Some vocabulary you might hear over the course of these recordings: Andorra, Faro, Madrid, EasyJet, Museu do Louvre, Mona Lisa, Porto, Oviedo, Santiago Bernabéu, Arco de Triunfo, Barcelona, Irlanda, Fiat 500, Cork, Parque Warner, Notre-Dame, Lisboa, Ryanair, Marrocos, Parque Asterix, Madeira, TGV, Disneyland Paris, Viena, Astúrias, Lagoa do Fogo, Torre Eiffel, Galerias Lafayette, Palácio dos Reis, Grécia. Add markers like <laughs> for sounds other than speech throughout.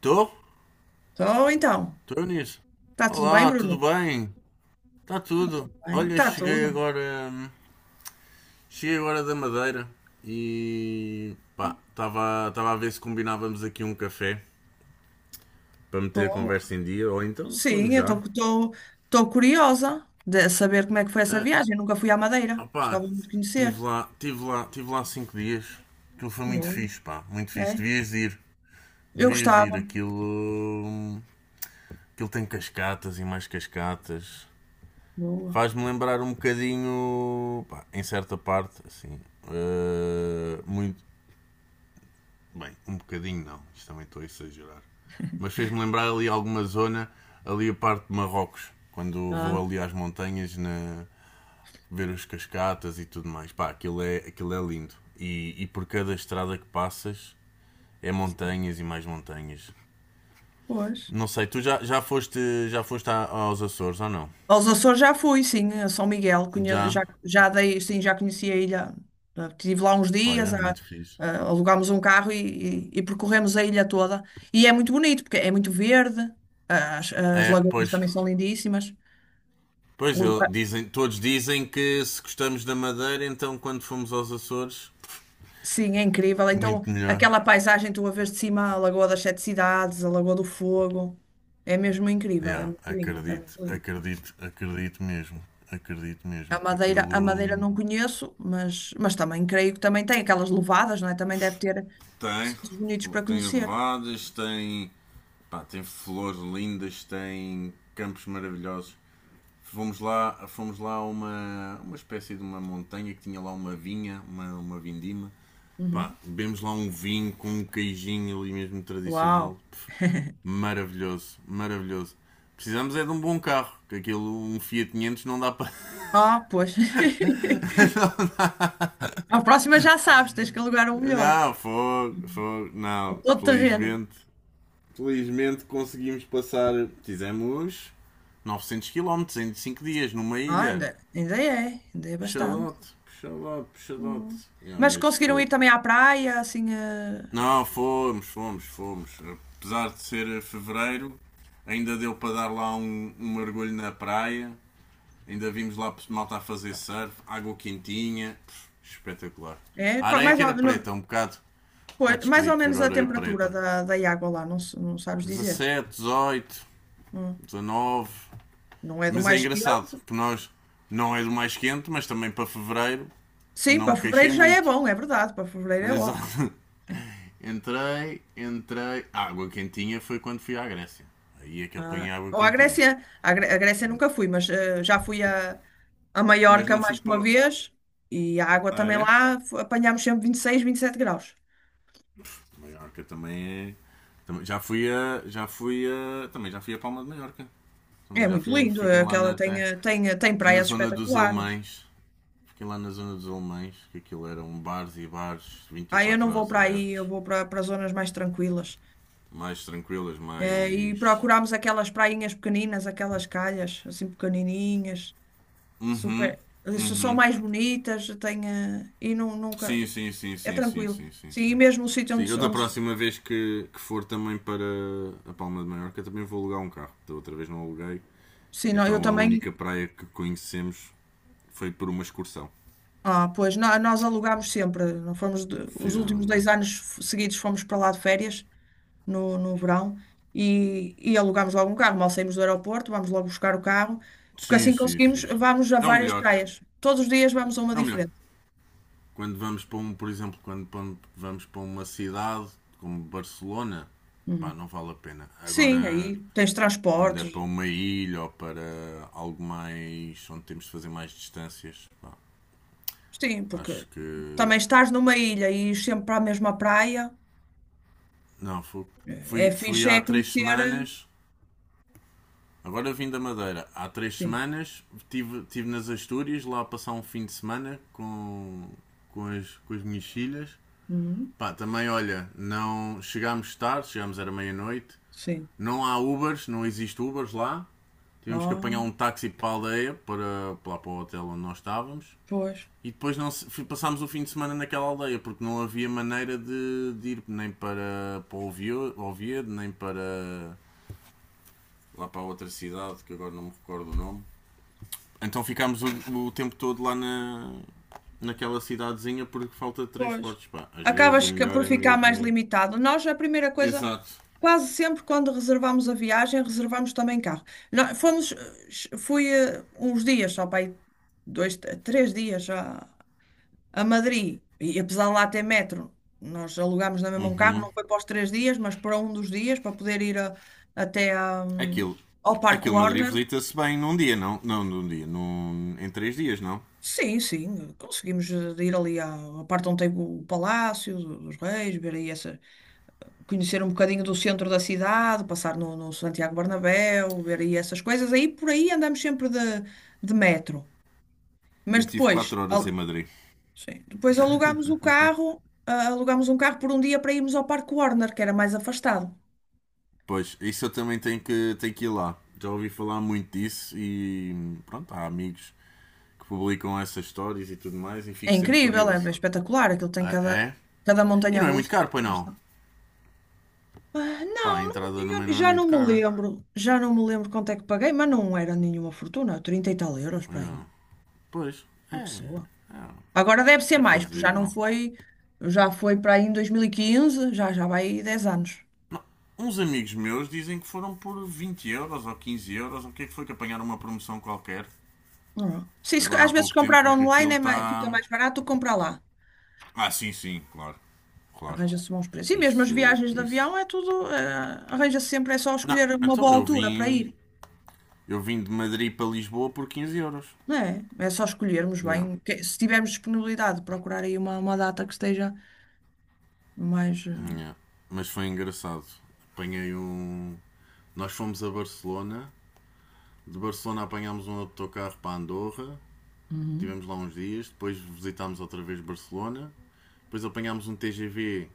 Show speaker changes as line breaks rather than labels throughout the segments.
Tô?
Estou então.
Tô nisso.
Está tudo bem,
Olá, tudo
Bruno?
bem? Tá tudo.
Bem,
Olha,
está
cheguei
tudo.
agora. hum, Cheguei agora da Madeira e, pá, estava a ver se combinávamos aqui um café para meter a
Boa.
conversa em dia ou então falamos
Sim, eu
já.
estou curiosa de saber como é que foi essa
Ah,
viagem. Eu nunca fui à Madeira.
opá,
Gostava muito de conhecer.
tive lá 5 dias. Aquilo foi muito
Boa.
fixe, pá, muito fixe.
É?
Devias de ir,
Eu
devias de ir.
gostava.
Aquilo. hum, Aquilo tem cascatas e mais cascatas.
Boa.
Faz-me lembrar um bocadinho, pá, em certa parte, assim, muito. Bem, um bocadinho não, isto também estou a exagerar. Mas fez-me lembrar ali alguma zona, ali a parte de Marrocos, quando vou
Ah,
ali às montanhas na, ver os cascatas e tudo mais. Pá, aquilo é lindo. E por cada estrada que passas é montanhas e mais montanhas.
pois.
Não sei, tu já foste aos Açores ou não?
Aos Açores já fui, sim, a São Miguel. Conhe- já,
Já?
já dei, sim, já conheci a ilha. Ah, estive lá uns dias,
Olha, muito fixe.
alugámos um carro e percorremos a ilha toda. E é muito bonito, porque é muito verde. As
É,
lagoas
pois,
também são lindíssimas.
pois,
Um-
dizem, todos dizem que se gostamos da Madeira, então quando fomos aos Açores,
Sim, é incrível. Então,
muito melhor.
aquela paisagem tu a vês de cima, a Lagoa das Sete Cidades, a Lagoa do Fogo, é mesmo incrível, é
Yeah,
muito lindo, é
acredito,
muito lindo.
acredito, acredito mesmo. Acredito
A
mesmo que
Madeira, a Madeira
aquilo.
não conheço, mas também creio que também tem aquelas levadas, não é? Também deve ter
Tem.
sítios bonitos para
Tem
conhecer.
elevadas, tem. Pá, tem flores lindas, tem campos maravilhosos. Fomos lá a uma espécie de uma montanha que tinha lá uma vinha, uma vindima.
Uhum.
Pá, bebemos lá um vinho com um queijinho ali mesmo
Uau!
tradicional. Pff, maravilhoso, maravilhoso. Precisamos é de um bom carro, que aquilo, um Fiat 500 não dá para...
Ah, pois. <laughs>
<laughs>
A próxima já sabes, tens que alugar um
Não,
melhor.
não, fogo, fogo,
Um
não.
todo terreno.
Felizmente, felizmente conseguimos passar, fizemos 900 quilómetros em 5 dias numa
Ah,
ilha.
ainda é bastante.
Puxadote, puxadote,
Hum.
puxadote. Yeah,
Mas
mas
conseguiram ir
fogo.
também à praia, assim.
Não, fomos, fomos, fomos. Apesar de ser fevereiro, ainda deu para dar lá um mergulho na praia. Ainda vimos lá malta a fazer surf, água quentinha, Pff, espetacular.
É,
A
qua-
areia
mais
que era
ou, não-.
preta, um bocado, um
Pois,
bocado
mais ou
esquisito ver
menos
a
a
areia
temperatura
preta.
da água lá, não, não sabes dizer.
17, 18,
Hum.
19.
Não é do
Mas é
mais
engraçado,
quente.
porque nós não é do mais quente, mas também para fevereiro
Sim,
não
para
me queixei
fevereiro já é
muito.
bom, é verdade, para
<laughs>
fevereiro é ótimo.
Exato. Entrei, entrei. A água quentinha foi quando fui à Grécia. Aí é que eu apanhei água
Ou à
quentinha.
Grécia, à Grécia nunca fui, mas já fui a,
Mas
Maiorca
não fui
mais que uma
para.
vez e a água
Ah,
também
é?
lá apanhámos sempre 26, 27 graus.
Maiorca também é. Já fui a. Já fui a. Também já fui a Palma de Maiorca.
É
Também já
muito
fui.
lindo,
Fiquei lá
aquela
na,
tem
na
praias
zona dos
espetaculares.
alemães. Fiquei lá na zona dos alemães, que aquilo eram bares e bares
Ah, eu não
24
vou
horas
para aí, eu
abertos.
vou para zonas mais tranquilas.
Mais tranquilas,
E
mais.
procurámos aquelas prainhas pequeninas, aquelas calhas assim pequenininhas, super, são mais bonitas, tem, e nunca,
Sim, sim, sim,
é
sim, sim,
tranquilo.
sim, sim,
Sim,
sim.
e mesmo o sítio
Sim, eu
onde,
da
onde
próxima vez que for também para a Palma de Maiorca também vou alugar um carro. Da outra vez não aluguei.
sim, não eu
Então a
também,
única praia que conhecemos foi por uma excursão.
ah, pois, nós alugámos sempre, não fomos, os últimos
Fizeram
dois
bem.
anos seguidos fomos para lá de férias, no verão, e alugámos logo um carro, mal saímos do aeroporto, vamos logo buscar o carro, porque
Sim,
assim
sim,
conseguimos,
sim, sim.
vamos a
É o
várias
melhor.
praias, todos os dias vamos a uma
É o melhor.
diferente.
Quando vamos para um, por exemplo, vamos para uma cidade como Barcelona, pá,
Uhum.
não vale a pena.
Sim, aí
Agora,
tens
quando é
transportes.
para uma ilha ou para algo mais onde temos de fazer mais distâncias, pá,
Sim,
acho
porque
que.
também estás numa ilha e ires sempre para a mesma praia.
Não, fu-
É
fui, fui
fixe, é
há três
conhecer.
semanas. Agora vim da Madeira. Há três
Sim.
semanas estive tive nas Astúrias lá a passar um fim de semana com as minhas filhas.
Uhum,
Pá, também olha, não chegámos tarde, chegámos era meia-noite,
sim.
não há Ubers, não existe Ubers lá. Tivemos que apanhar
Ah,
um táxi para a aldeia, para o hotel onde nós estávamos.
pois,
E depois não passámos o fim de semana naquela aldeia, porque não havia maneira de ir nem para Oviedo, nem para lá para outra cidade, que agora não me recordo o nome. Então ficámos o tempo todo lá naquela cidadezinha porque falta de
pois.
transportes. Pá, às vezes o
Acabas
melhor
por
é
ficar mais
mesmo.
limitado. Nós, a primeira coisa,
Exato.
quase sempre quando reservamos a viagem, reservamos também carro. Nós fomos, fui uns dias só para aí, dois, três dias já a Madrid, e apesar de lá ter metro, nós alugámos na mesma um carro,
Uhum.
não foi para os 3 dias, mas para um dos dias, para poder ir até a,
Aquilo.
ao Parque
Aquilo Madrid
Warner.
visita-se bem num dia, não? Não, num dia. Em 3 dias, não?
Sim, sim, conseguimos ir ali à parte onde tem o Palácio dos Reis, ver aí essa, conhecer um bocadinho do centro da cidade, passar no Santiago Bernabéu, ver aí essas coisas. Aí por aí andamos sempre de metro.
Eu
Mas
tive
depois,
4 horas
a-
em Madrid.
sim. Depois alugámos o carro, alugámos um carro por um dia para irmos ao Parque Warner, que era mais afastado.
Pois, isso eu também tenho que ir lá. Já ouvi falar muito disso e pronto, há amigos que publicam essas histórias e tudo mais e
É
fico sempre
incrível, é
curioso.
espetacular, aquilo tem
Ah,
cada,
é?
cada
E
montanha
não é muito
russa.
caro, pois não?
Ah,
Pá, a
não, não,
entrada também
eu
não é
já não
muito
me
cara.
lembro, já não me lembro quanto é que paguei, mas não era nenhuma fortuna, 30 e tal euros para
É.
aí,
Pois,
por
é.
pessoa. Agora deve ser
É, é
mais, porque já não
fazível.
foi, já foi para aí em 2015, já vai aí 10 anos.
Não. Uns amigos meus dizem que foram por 20 euros ou 15 euros, ou o que é que foi que apanharam uma promoção qualquer,
Não. Se isso,
agora
às
há
vezes
pouco tempo,
comprar
porque
online
aquilo
é fica
está.
mais barato do comprar lá.
Ah, sim, sim, claro. Claro.
Arranja-se bons preços. E mesmo as
Isso,
viagens de
isso.
avião é tudo, arranja-se sempre, é só
Não,
escolher uma
então
boa
eu
altura para
vim.
ir,
Eu vim de Madrid para Lisboa por 15 euros.
não é? É só escolhermos
Não,
bem, se tivermos disponibilidade, procurar aí uma data que esteja mais.
não. Mas foi engraçado. Apanhei um. Nós fomos a Barcelona. De Barcelona apanhámos um autocarro para Andorra.
Uhum,
Tivemos lá uns dias, depois visitámos outra vez Barcelona, depois apanhámos um TGV.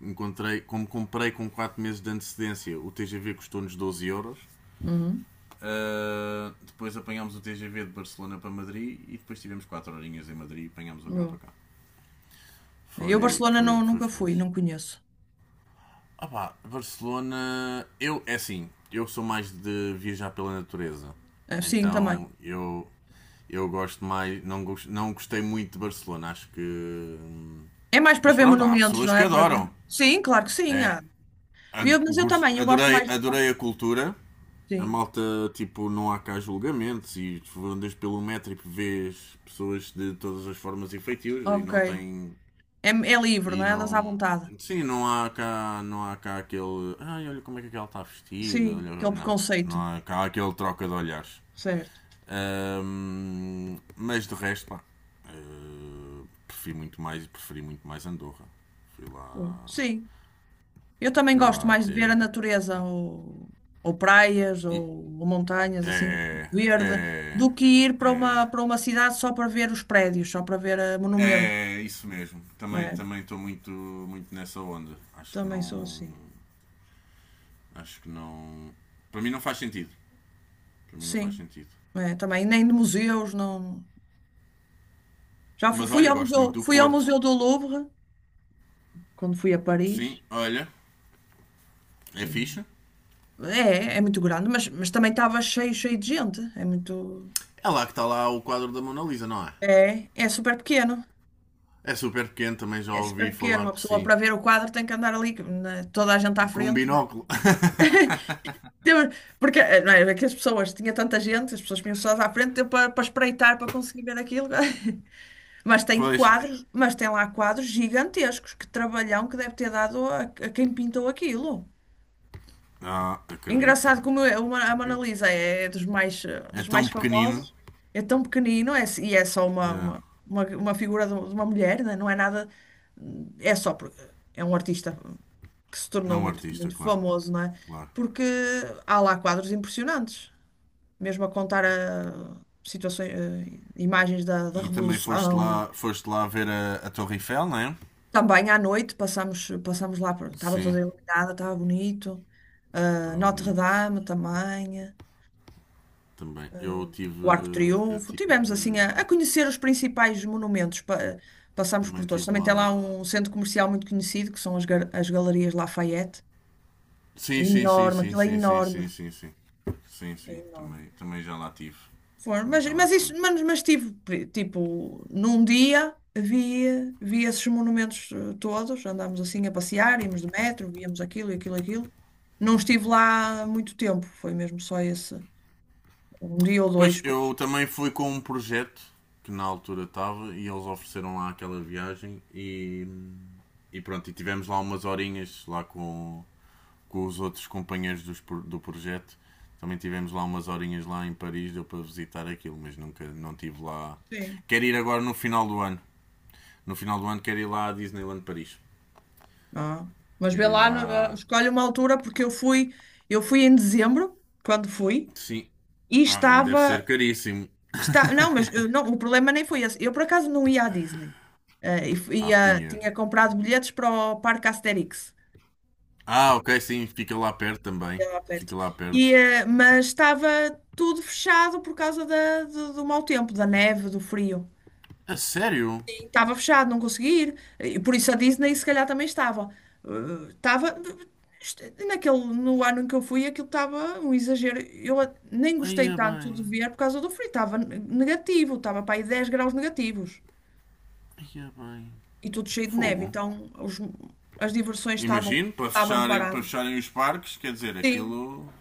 Encontrei, como comprei com 4 meses de antecedência, o TGV custou-nos 12 euros.
uhum,
Ah, depois apanhámos o TGV de Barcelona para Madrid e depois tivemos 4 horinhas em Madrid e apanhámos o avião para
boa.
cá.
Eu,
Foi,
Barcelona,
foi,
não,
foi
nunca fui,
fixe.
não conheço.
Ah pá, Barcelona. Eu, é assim, eu sou mais de viajar pela natureza.
Sim, também.
Então eu. Eu gosto mais. Não, não gostei muito de Barcelona, acho que.
É mais para
Mas
ver
pronto, há
monumentos,
pessoas
não
que
é? Para ver.
adoram.
Sim, claro que sim.
É,
Há. Eu, mas eu também, eu gosto
adorei,
mais.
adorei a cultura. A
Sim,
malta, tipo, não há cá julgamentos e tu andas pelo metro e vês pessoas de todas as formas e feitios e
ok.
não tem
É livre,
e
não é? Andas à
não.
vontade.
Sim, não há cá aquele. Ai, olha como é que ela está vestida.
Sim,
Olha...
aquele
Não, não
preconceito,
há cá aquele troca de olhares.
certo?
Mas de resto, pá, prefiro muito mais preferi muito mais Andorra. Fui
Sim.
lá,
Sim. Eu também
fui
gosto
lá
mais de
até.
ver a natureza, ou, praias,
E,
ou montanhas, assim,
é,
verde,
é,
do que ir para
é,
uma, para uma cidade só para ver os prédios, só para ver monumentos.
é isso mesmo. Também
É,
também estou muito nessa onda. Acho que
também sou
não,
assim.
acho que não. Para mim não faz sentido. Para mim não faz
Sim,
sentido.
é, também. Nem de museus, não. Já
Mas olha, gosto muito do
fui ao
Porto.
Museu do Louvre, quando fui a
Sim,
Paris.
olha, é
e-
fixe.
é muito grande, mas, também estava cheio, cheio de gente. É muito.
É lá que está lá o quadro da Mona Lisa, não é?
É super pequeno.
É super pequeno, também já
É super
ouvi
pequeno.
falar
Uma
que
pessoa
sim.
para ver o quadro tem que andar ali, né, toda a gente à
Com um
frente.
binóculo. <laughs>
Porque não é, é que as pessoas, tinha tanta gente, as pessoas tinham só à frente tempo para espreitar, para conseguir ver aquilo. <laughs> Mas tem
Pois.
quadros, mas tem lá quadros gigantescos, que trabalhão que deve ter dado a quem pintou aquilo.
Ah, acredito.
Engraçado como é a Mona
Acredito.
Lisa é dos mais,
É
dos
tão
mais
pequenino.
famosos, é tão pequenino, e é só uma,
É,
uma, uma, uma figura de uma mulher, né? Não é nada, é só, porque é um artista que se
é
tornou
um
muito,
artista,
muito
claro.
famoso, não é?
Claro.
Porque há lá quadros impressionantes, mesmo a contar situações, imagens da
E também foste
Revolução. E
lá, foste lá ver a Torre Eiffel, não é?
também à noite passamos lá, estava
Sim,
toda iluminada, estava bonito.
está
Ah,
bonito
Notre-Dame também,
também. Eu tive,
o Arco de
eu
Triunfo.
tive,
Tivemos assim a conhecer os principais monumentos, passamos por
também
todos.
tive
Também tem lá
lá.
um centro comercial muito conhecido, que são as Galerias Lafayette. É
Sim, sim, sim,
enorme,
sim,
aquilo é
sim, sim,
enorme.
sim, sim, sim. Sim,
É
sim,
enorme.
também já lá tive.
Foram,
Também
mas,
já lá
mas isso,
tive.
mas tive, tipo, num dia vi esses monumentos todos, andámos assim a passear, íamos de metro, víamos aquilo e aquilo e aquilo. Não estive lá muito tempo, foi mesmo só esse, um dia ou dois,
Pois, eu
pois.
também fui com um projeto que na altura estava e eles ofereceram lá aquela viagem e pronto, e tivemos lá umas horinhas lá com os outros companheiros do projeto. Também tivemos lá umas horinhas lá em Paris, deu para visitar aquilo, mas nunca, não tive lá.
Sim.
Quero ir agora no final do ano. No final do ano quero ir lá à Disneyland Paris.
Ah, mas vê
Quero ir
lá,
lá.
escolhe uma altura, porque eu fui em dezembro, quando fui,
Sim.
e
Ah, e deve ser caríssimo.
está, não, mas
<laughs>
não, o problema nem foi esse. Eu, por acaso, não ia à Disney. E,
Ah, pinha.
tinha comprado bilhetes para o Parque Asterix,
Ah, ok, sim, fica lá perto também.
lá perto.
Fica lá
E,
perto.
mas estava tudo fechado por causa do mau tempo, da neve, do frio.
A sério?
E estava fechado, não consegui ir. E por isso a Disney se calhar também estava. Estava. est- no ano em que eu fui, aquilo estava um exagero. Eu nem
Aí
gostei
é
tanto de
bem.
ver por causa do frio. Estava negativo, estava para aí 10 graus negativos.
Aí é bem.
E tudo cheio de neve.
Fogo.
Então as diversões estavam,
Imagino,
estavam
para
paradas.
fecharem os parques, quer dizer, aquilo.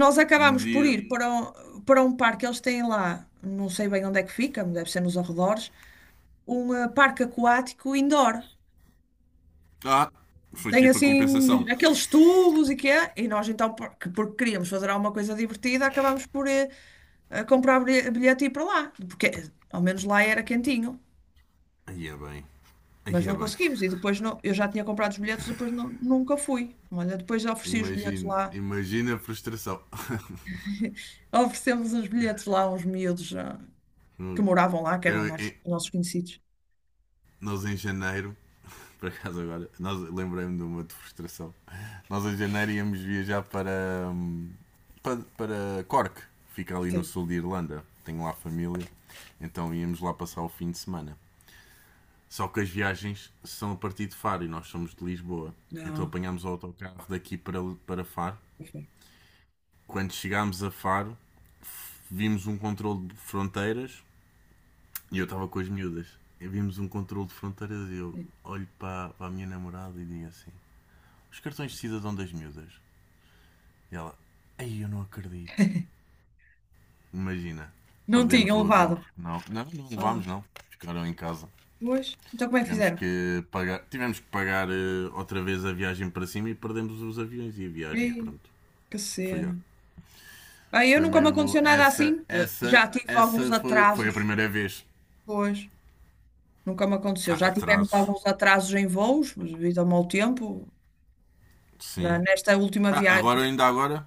Nós
Um
acabámos por
dia.
ir para um parque, eles têm lá, não sei bem onde é que fica, mas deve ser nos arredores, um parque aquático indoor.
Ah, foi
Tem
tipo a
assim
compensação.
aqueles tubos e que é, e nós então, porque queríamos fazer alguma coisa divertida, acabámos por comprar bilhete e ir para lá, porque ao menos lá era quentinho,
Aí é bem.
mas
Aí é
não
bem.
conseguimos. E depois não, eu já tinha comprado os bilhetes, depois nunca fui. Olha, depois ofereci os bilhetes
Imagino,
lá,
imagina a frustração. <laughs>
<laughs> oferecemos os bilhetes lá a uns miúdos, que moravam lá, que eram
Eu, eu-
nossos conhecidos.
Nós em janeiro, <laughs> por acaso agora, nós lembrei-me de uma de frustração. Nós em janeiro íamos viajar para Cork, fica ali no
Sim.
sul de Irlanda. Tenho lá família, então íamos lá passar o fim de semana. Só que as viagens são a partir de Faro e nós somos de Lisboa. Então
Não.
apanhámos o autocarro daqui para Faro.
Ok.
Quando chegámos a Faro, vimos um controle de fronteiras e eu estava com as miúdas. E vimos um controle de fronteiras e eu
Sim.
olho para a minha namorada e digo assim: Os cartões de cidadão das miúdas. E ela: Ei, eu não acredito. Imagina,
Não
perdemos
tinham
o avião
levado.
porque não. Não, não levámos,
Ah,
não. Ficaram em casa.
pois. Então como é que fizeram?
Tivemos que pagar outra vez a viagem para cima e perdemos os aviões e a viagem.
Ei,
Pronto,
que
foi ó.
cena. Ah, eu
Foi
nunca me
mesmo
aconteceu nada assim.
essa, essa,
Já tive alguns
essa foi, foi a
atrasos.
primeira vez.
Pois. Nunca me aconteceu.
Ah,
Já tivemos
atrasos,
alguns atrasos em voos, mas devido ao mau tempo,
sim.
nesta última
Ah,
viagem.
agora, ainda agora,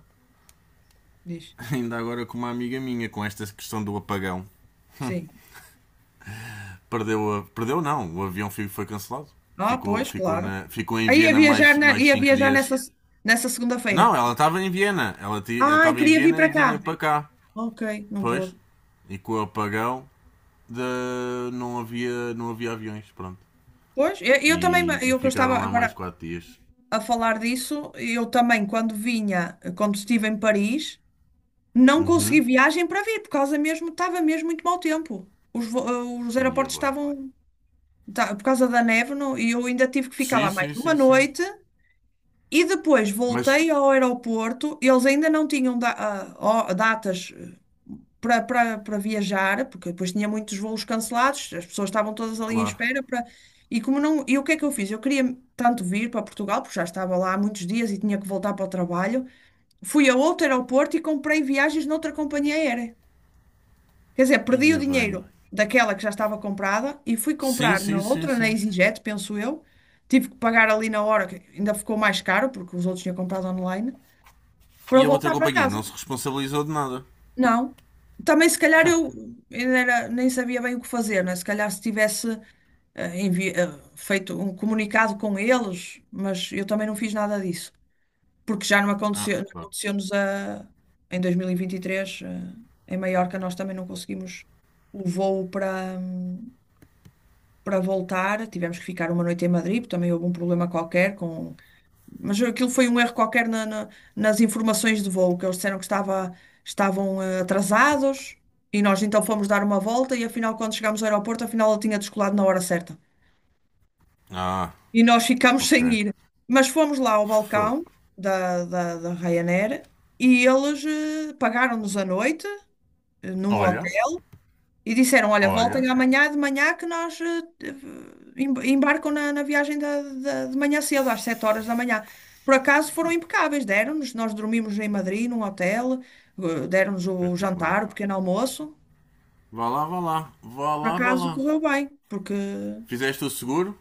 Diz.
<laughs> ainda agora com uma amiga minha, com esta questão do apagão.
Sim.
Perdeu, perdeu não, o avião foi cancelado.
Ah,
Ficou,
pois,
ficou,
claro.
na... ficou em
Aí ia
Viena
viajar,
mais, mais
ia
cinco
viajar nessa,
dias.
nessa
Não,
segunda-feira.
ela estava em Viena. Ela
Ai,
estava em
queria vir
Viena e
para
vinha
cá.
para cá.
Ok, não
Pois.
pôde.
E com o apagão não, não havia aviões, pronto.
Pois, eu também,
E
eu que eu estava
ficaram lá mais
agora
4 dias.
a falar disso, eu também, quando vinha, quando estive em Paris, não consegui
Uhum.
viagem para vir, por causa mesmo, estava mesmo muito mau tempo. Os
Ia
aeroportos
bem.
estavam, tá, por causa da neve, e eu ainda tive que ficar
Sim,
lá mais
sim,
uma
sim, sim.
noite, e depois
Mas,
voltei ao aeroporto, eles ainda não tinham datas para, para viajar, porque depois tinha muitos voos cancelados, as pessoas estavam todas ali em
claro,
espera para... E como não, e o que é que eu fiz? Eu queria tanto vir para Portugal, porque já estava lá há muitos dias e tinha que voltar para o trabalho. Fui a outro aeroporto e comprei viagens noutra companhia aérea. Quer dizer, perdi o
ia bem.
dinheiro daquela que já estava comprada e fui
Sim,
comprar na
sim, sim,
outra, na
sim.
EasyJet, penso eu. Tive que pagar ali na hora, que ainda ficou mais caro, porque os outros tinham comprado online, para
E a outra
voltar para
companhia
casa.
não se responsabilizou de nada.
Não. Também se calhar eu
<laughs>
ainda nem sabia bem o que fazer, né? Se calhar se tivesse eh, envi- eh, feito um comunicado com eles, mas eu também não fiz nada disso, porque já não
Ah,
aconteceu, não
claro.
aconteceu-nos a, em 2023, em Maiorca, nós também não conseguimos o voo para voltar, tivemos que ficar uma noite em Madrid, porque também houve um problema qualquer com mas aquilo foi um erro qualquer nas informações de voo, que eles disseram que estavam atrasados e nós então fomos dar uma volta e afinal, quando chegámos ao aeroporto, afinal ele tinha descolado na hora certa.
Ah,
E nós ficámos <laughs> sem
ok.
ir. Mas fomos lá ao
Fogo.
balcão da Ryanair e eles pagaram-nos a noite num
Olha,
hotel. E disseram, olha,
olha.
voltem amanhã de manhã que nós embarcam na viagem de manhã cedo, às 7 horas da manhã. Por acaso foram impecáveis, deram-nos, nós dormimos em Madrid, num hotel, deram-nos o
Espetacular.
jantar, o pequeno almoço.
Vá lá, vá lá. Vá
Por
lá, vá
acaso
lá.
correu bem, porque
Fizeste o seguro?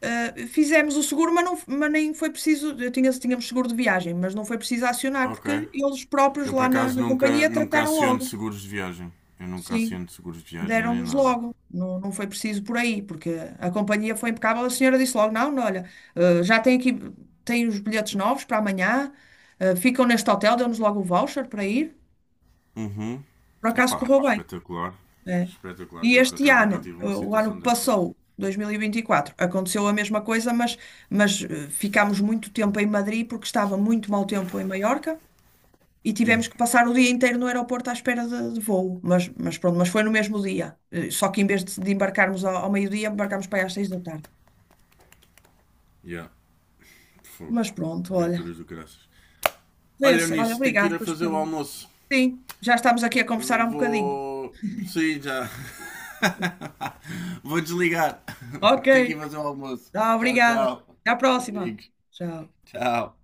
fizemos o seguro, mas, não, mas nem foi preciso, tínhamos seguro de viagem, mas não foi preciso acionar,
Ok.
porque eles próprios
Eu por
lá na,
acaso
na
nunca,
companhia
nunca
trataram
aciono
logo.
seguros de viagem. Eu nunca
Sim.
aciono seguros de viagem nem
Deram-nos
nada.
logo. Não, não foi preciso por aí, porque a companhia foi impecável. A senhora disse logo: não, não, olha, já tem aqui, tem os bilhetes novos para amanhã, ficam neste hotel, deu-nos logo o voucher para ir.
Uhum.
Por acaso
Epá,
correu bem,
espetacular.
né?
Espetacular.
E
Eu por
este
acaso nunca
ano,
tive uma
o ano
situação
que
dessas.
passou, 2024, aconteceu a mesma coisa, mas ficámos muito tempo em Madrid porque estava muito mau tempo em Maiorca. E
Hum.
tivemos que passar o dia inteiro no aeroporto à espera de voo. Mas pronto, mas foi no mesmo dia. Só que em vez de embarcarmos ao meio-dia, embarcámos para aí às 6 da tarde.
Yeah. Fogo.
Mas pronto, olha.
Aventuras do graças.
Foi
Olha
assim. Olha,
nisso, tenho que
obrigado
ir a
por este
fazer o
bocadinho.
almoço.
Sim, já estamos aqui a conversar há um bocadinho.
Vou. Sim, já. <laughs> Vou desligar.
Ok,
<laughs> Tenho que ir fazer o almoço.
tá,
Tchau,
obrigada.
tchau.
Até à próxima.
Amigos.
Tchau.
Tchau.